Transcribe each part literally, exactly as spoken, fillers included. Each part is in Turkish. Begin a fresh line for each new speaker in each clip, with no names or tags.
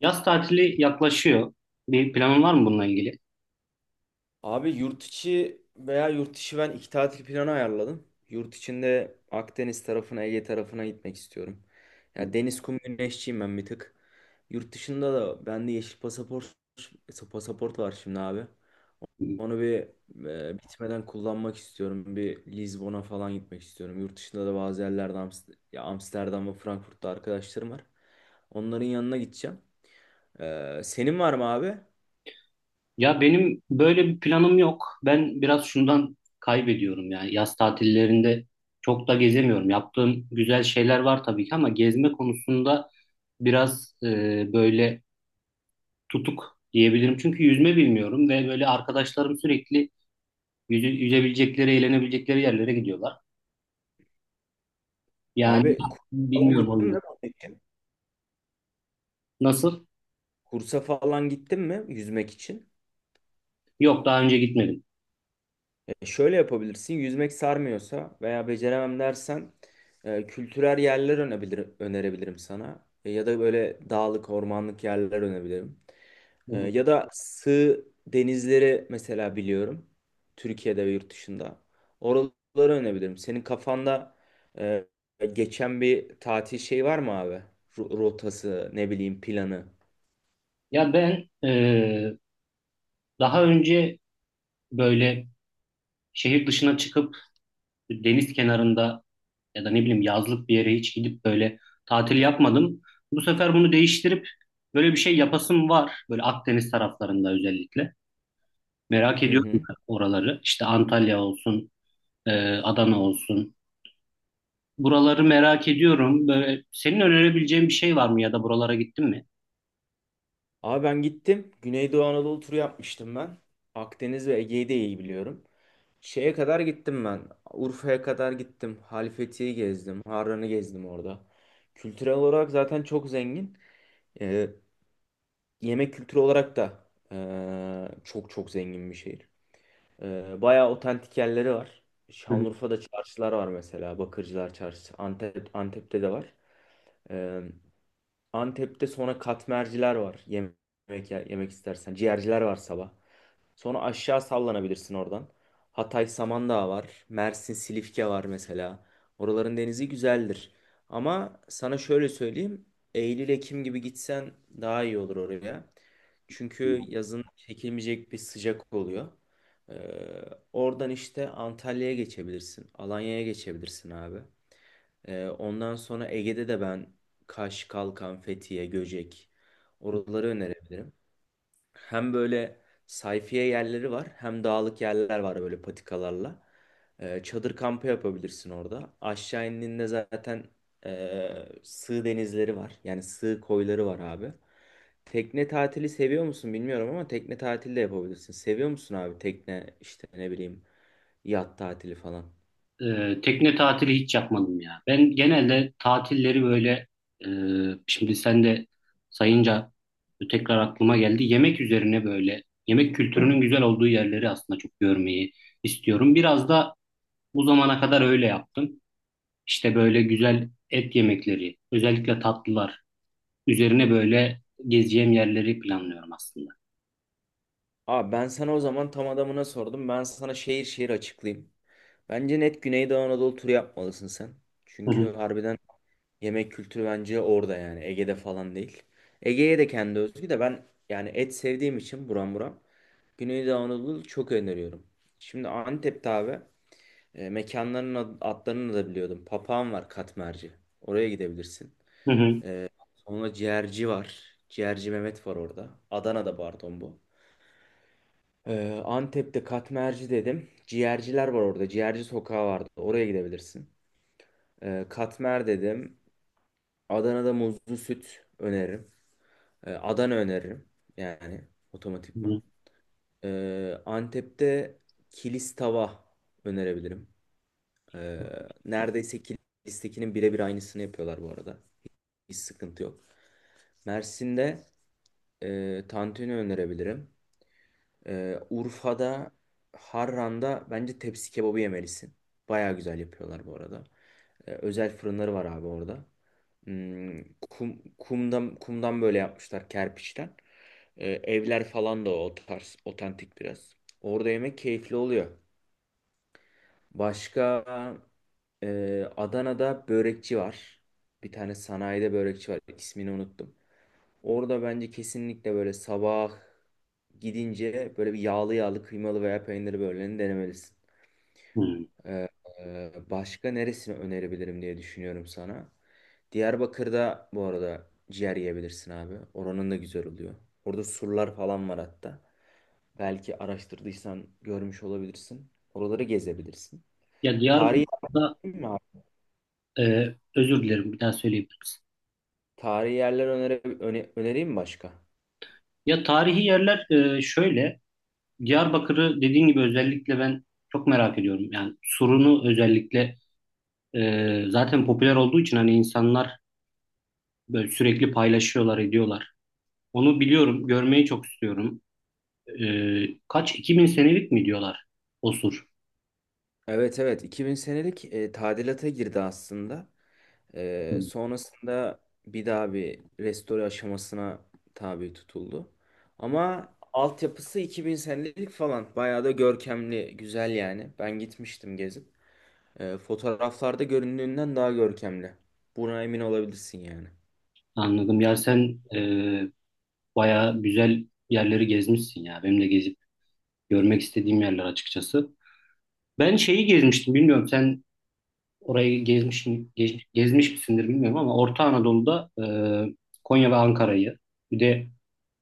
Yaz tatili yaklaşıyor. Bir planın var mı bununla ilgili?
Abi yurt içi veya yurt dışı ben iki tatil planı ayarladım. Yurt içinde Akdeniz tarafına, Ege tarafına gitmek istiyorum. Ya deniz kum güneşçiyim ben bir tık. Yurt dışında da bende yeşil pasaport pasaport var şimdi abi. Onu bir e, bitmeden kullanmak istiyorum. Bir Lizbon'a falan gitmek istiyorum. Yurt dışında da bazı yerlerde Amst- ya Amsterdam ve Frankfurt'ta arkadaşlarım var. Onların yanına gideceğim. Ee, senin var mı abi?
Ya benim böyle bir planım yok. Ben biraz şundan kaybediyorum yani yaz tatillerinde çok da gezemiyorum. Yaptığım güzel şeyler var tabii ki ama gezme konusunda biraz e, böyle tutuk diyebilirim. Çünkü yüzme bilmiyorum ve böyle arkadaşlarım sürekli yüze, yüzebilecekleri, eğlenebilecekleri yerlere gidiyorlar. Yani
Abi Kuş'a falan
bilmiyorum o
gittin
yüzden.
mi?
Nasıl?
Kursa falan gittin mi yüzmek için?
Yok daha önce gitmedim.
E, şöyle yapabilirsin. Yüzmek sarmıyorsa veya beceremem dersen e, kültürel yerler önebilir, önerebilirim sana. E, ya da böyle dağlık, ormanlık yerler önebilirim.
Hı
E,
hı.
ya da sığ denizleri mesela biliyorum. Türkiye'de ve yurt dışında. Oraları önebilirim. Senin kafanda e, geçen bir tatil şey var mı abi? Ru- Rotası, ne bileyim planı.
Ya ben e, daha önce böyle şehir dışına çıkıp deniz kenarında ya da ne bileyim yazlık bir yere hiç gidip böyle tatil yapmadım. Bu sefer bunu değiştirip böyle bir şey yapasım var. Böyle Akdeniz taraflarında özellikle. Merak
Hı
ediyorum
hı.
oraları. İşte Antalya olsun, e, Adana olsun. Buraları merak ediyorum. Böyle senin önerebileceğin bir şey var mı ya da buralara gittin mi?
Abi ben gittim. Güneydoğu Anadolu turu yapmıştım ben. Akdeniz ve Ege'yi de iyi biliyorum. Şeye kadar gittim ben. Urfa'ya kadar gittim. Halifeti'yi gezdim. Harran'ı gezdim orada. Kültürel olarak zaten çok zengin. Ee, Yemek kültürü olarak da ee, çok çok zengin bir şehir. Ee, bayağı otantik yerleri var.
Hı
Şanlıurfa'da çarşılar var mesela. Bakırcılar Çarşısı. Antep, Antep'te de var. Ee, Antep'te sonra katmerciler var. Yemek yer- yemek istersen. Ciğerciler var sabah. Sonra aşağı sallanabilirsin oradan. Hatay Samandağ var. Mersin Silifke var mesela. Oraların denizi güzeldir. Ama sana şöyle söyleyeyim. Eylül-Ekim gibi gitsen daha iyi olur oraya. Çünkü
hı.
yazın çekilmeyecek bir sıcak oluyor. Ee, Oradan işte Antalya'ya geçebilirsin. Alanya'ya geçebilirsin abi. Ee, ondan sonra Ege'de de ben Kaş, Kalkan, Fethiye, Göcek oraları önerebilirim. Hem böyle sayfiye yerleri var hem dağlık yerler var böyle patikalarla. Ee, çadır kampı yapabilirsin orada. Aşağı indiğinde zaten ee, sığ denizleri var. Yani sığ koyları var abi. Tekne tatili seviyor musun bilmiyorum ama tekne tatili de yapabilirsin. Seviyor musun abi tekne işte ne bileyim yat tatili falan?
Ee, tekne tatili hiç yapmadım ya. Ben genelde tatilleri böyle e, şimdi sen de sayınca tekrar aklıma geldi. Yemek üzerine böyle yemek kültürünün güzel olduğu yerleri aslında çok görmeyi istiyorum. Biraz da bu zamana kadar öyle yaptım. İşte böyle güzel et yemekleri, özellikle tatlılar üzerine böyle gezeceğim yerleri planlıyorum aslında.
Abi ben sana o zaman tam adamına sordum. Ben sana şehir şehir açıklayayım. Bence net Güneydoğu Anadolu turu yapmalısın sen.
Hı
Çünkü
hı,
harbiden yemek kültürü bence orada, yani Ege'de falan değil. Ege'ye de kendi özgü de ben yani et sevdiğim için buram buram Güneydoğu Anadolu çok öneriyorum. Şimdi Antep'te abi e, mekanların ad- adlarını da biliyordum. Papağan var katmerci. Oraya gidebilirsin.
hı hı,
E, Sonra ciğerci var. Ciğerci Mehmet var orada. Adana'da pardon bu. Ee, Antep'te Katmerci dedim. Ciğerciler var orada. Ciğerci sokağı vardı. Oraya gidebilirsin. Ee, Katmer dedim. Adana'da muzlu süt öneririm. Ee, Adana öneririm. Yani otomatikman.
hı
Ee, Antep'te kilis tava önerebilirim. Ee, Neredeyse kilistekinin birebir aynısını yapıyorlar bu arada. Hiç sıkıntı yok. Mersin'de e, tantuni önerebilirim. Ee, Urfa'da, Harran'da bence tepsi kebabı yemelisin. Baya güzel yapıyorlar bu arada. Ee, özel fırınları var abi orada. Hmm, kum, kumdan, kumdan böyle yapmışlar kerpiçten. Ee, evler falan da o tarz, otantik biraz. Orada yemek keyifli oluyor. Başka e, Adana'da börekçi var. Bir tane sanayide börekçi var. İsmini unuttum. Orada bence kesinlikle böyle sabah gidince böyle bir yağlı yağlı kıymalı veya peynirli böğürlenini denemelisin.
hı.
Ee, e, Başka neresini önerebilirim diye düşünüyorum sana. Diyarbakır'da bu arada ciğer yiyebilirsin abi. Oranın da güzel oluyor. Orada surlar falan var hatta. Belki araştırdıysan görmüş olabilirsin. Oraları gezebilirsin.
Ya
Tarihi
Diyarbakır'da
yer mi abi?
e, özür dilerim bir daha söyleyebilirim.
Tarihi yerler önere, öne- önereyim mi başka?
Ya tarihi yerler e, şöyle, Diyarbakır'ı dediğin gibi özellikle ben çok merak ediyorum. Yani Sur'unu özellikle e, zaten popüler olduğu için hani insanlar böyle sürekli paylaşıyorlar, ediyorlar. Onu biliyorum, görmeyi çok istiyorum. E, kaç, iki bin senelik mi diyorlar o Sur?
Evet, evet, iki bin senelik e, tadilata girdi aslında.
Hı.
Ee, sonrasında bir daha bir restore aşamasına tabi tutuldu. Ama altyapısı iki bin senelik falan. Bayağı da görkemli, güzel yani. Ben gitmiştim gezip. Ee, fotoğraflarda göründüğünden daha görkemli. Buna emin olabilirsin yani.
Anladım. Ya sen e, bayağı güzel yerleri gezmişsin ya. Benim de gezip görmek istediğim yerler açıkçası. Ben şeyi gezmiştim, bilmiyorum sen orayı gezmiş mi, gez- gezmiş misindir bilmiyorum ama Orta Anadolu'da e, Konya ve Ankara'yı bir de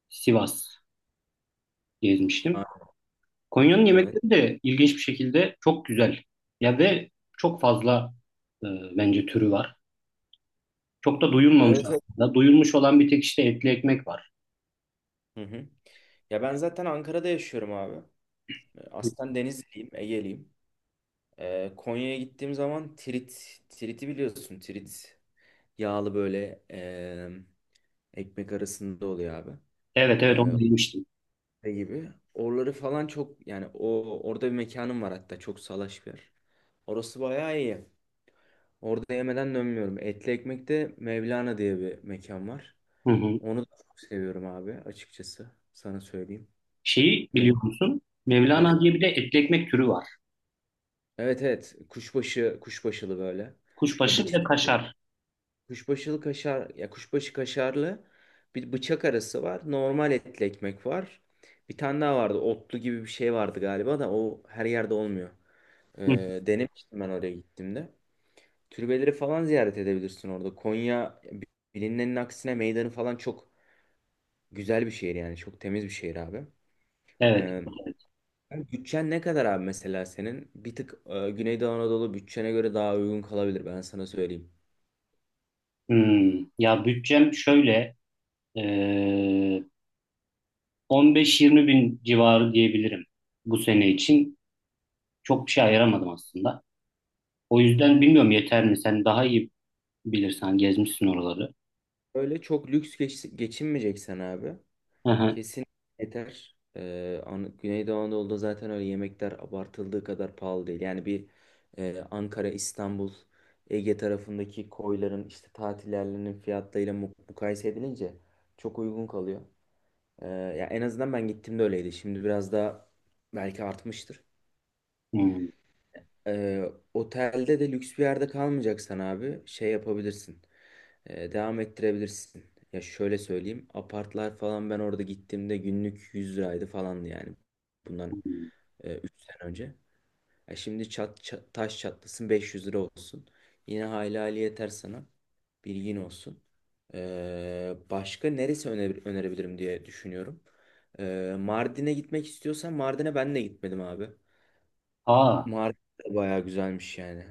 Sivas
Ha,
gezmiştim. Konya'nın
evet.
yemekleri de ilginç bir şekilde çok güzel. Ya ve çok fazla e, bence türü var. Çok da duyulmamış
Evet, evet.
aslında. Duyulmuş olan bir tek işte etli ekmek var.
Hı hı. Ya ben zaten Ankara'da yaşıyorum abi. Aslen Denizliyim, Ege'liyim. Ee, Konya'ya gittiğim zaman Tirit, Tirit'i biliyorsun, Tirit. Yağlı böyle em, ekmek arasında oluyor abi.
Evet, evet, onu
E,
da yemiştim.
Şey gibi. Oraları falan çok, yani o orada bir mekanım var hatta, çok salaş bir yer. Orası bayağı iyi. Orada yemeden dönmüyorum. Etli Ekmek'te Mevlana diye bir mekan var.
Hı hı.
Onu da çok seviyorum abi, açıkçası. Sana söyleyeyim.
Şeyi
Mevlana
biliyor musun? Mevlana
diyorsun.
diye bir de etli ekmek türü var.
Evet, evet. Kuşbaşı, kuşbaşılı böyle. Ya
Kuşbaşı
bıçak
ve kaşar.
kuşbaşılı kaşar, ya kuşbaşı kaşarlı bir bıçak arası var. Normal etli ekmek var. Bir tane daha vardı. Otlu gibi bir şey vardı galiba da o her yerde olmuyor.
Hı.
Ee, denemiştim ben oraya gittiğimde. Türbeleri falan ziyaret edebilirsin orada. Konya bilinenin aksine meydanı falan çok güzel bir şehir yani. Çok temiz bir şehir abi. Ee,
Evet, evet.
Yani bütçen ne kadar abi, mesela senin? Bir tık e, Güneydoğu Anadolu bütçene göre daha uygun kalabilir, ben sana söyleyeyim.
Hmm, ya bütçem şöyle. Ee, on beş yirmi bin civarı diyebilirim bu sene için. Çok bir şey ayıramadım aslında. O yüzden bilmiyorum, yeter mi? Sen daha iyi bilirsen, gezmişsin oraları.
Öyle çok lüks geç, geçinmeyeceksen abi.
Hı hı.
Kesin yeter. Ee, An- Güneydoğu Anadolu'da zaten öyle yemekler abartıldığı kadar pahalı değil. Yani bir e, Ankara, İstanbul, Ege tarafındaki koyların işte tatillerinin fiyatlarıyla mu- mukayese edilince çok uygun kalıyor. Ee, ya en azından ben gittiğimde öyleydi. Şimdi biraz daha belki artmıştır.
Hmm.
Ee, Otelde de lüks bir yerde kalmayacaksan abi şey yapabilirsin. Ee, devam ettirebilirsin. Ya şöyle söyleyeyim. Apartlar falan ben orada gittiğimde günlük yüz liraydı falandı yani. Bundan üç sene önce. E şimdi çat, ça- taş çatlasın beş yüz lira olsun. Yine hayli hayli yeter sana. Bilgin olsun. Ee, başka neresi öne- önerebilirim diye düşünüyorum. Ee, Mardin'e gitmek istiyorsan Mardin'e ben de gitmedim abi.
Aa,
Mardin de bayağı güzelmiş yani.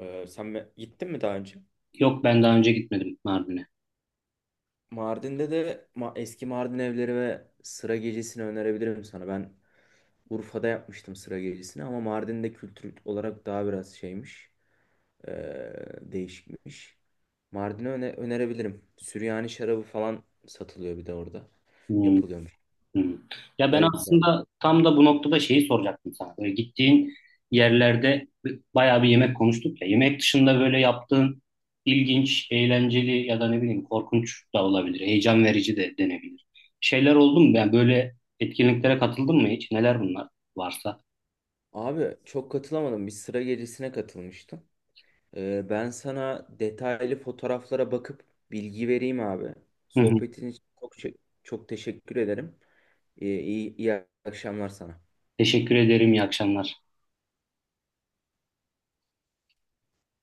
Ee, sen mi- gittin mi daha önce?
yok, ben daha önce gitmedim Mardin'e.
Mardin'de de ma- eski Mardin evleri ve sıra gecesini önerebilirim sana. Ben Urfa'da yapmıştım sıra gecesini, ama Mardin'de kültür olarak daha biraz şeymiş. ee, Değişikmiş. Mardin'i öne- önerebilirim. Süryani şarabı falan satılıyor bir de orada.
Hmm.
Yapılıyormuş.
Hı. Ya ben
Güzel bir yer.
aslında tam da bu noktada şeyi soracaktım sana. Böyle gittiğin yerlerde bayağı bir yemek konuştuk ya. Yemek dışında böyle yaptığın ilginç, eğlenceli ya da ne bileyim korkunç da olabilir, heyecan verici de denebilir. Şeyler oldu mu? Yani böyle etkinliklere katıldın mı hiç? Neler bunlar varsa?
Abi çok katılamadım. Bir sıra gecesine katılmıştım. Ee, ben sana detaylı fotoğraflara bakıp bilgi vereyim abi.
Hı hı.
Sohbetin için çok, çok teşekkür ederim. Ee, iyi, iyi akşamlar sana.
Teşekkür ederim. İyi akşamlar.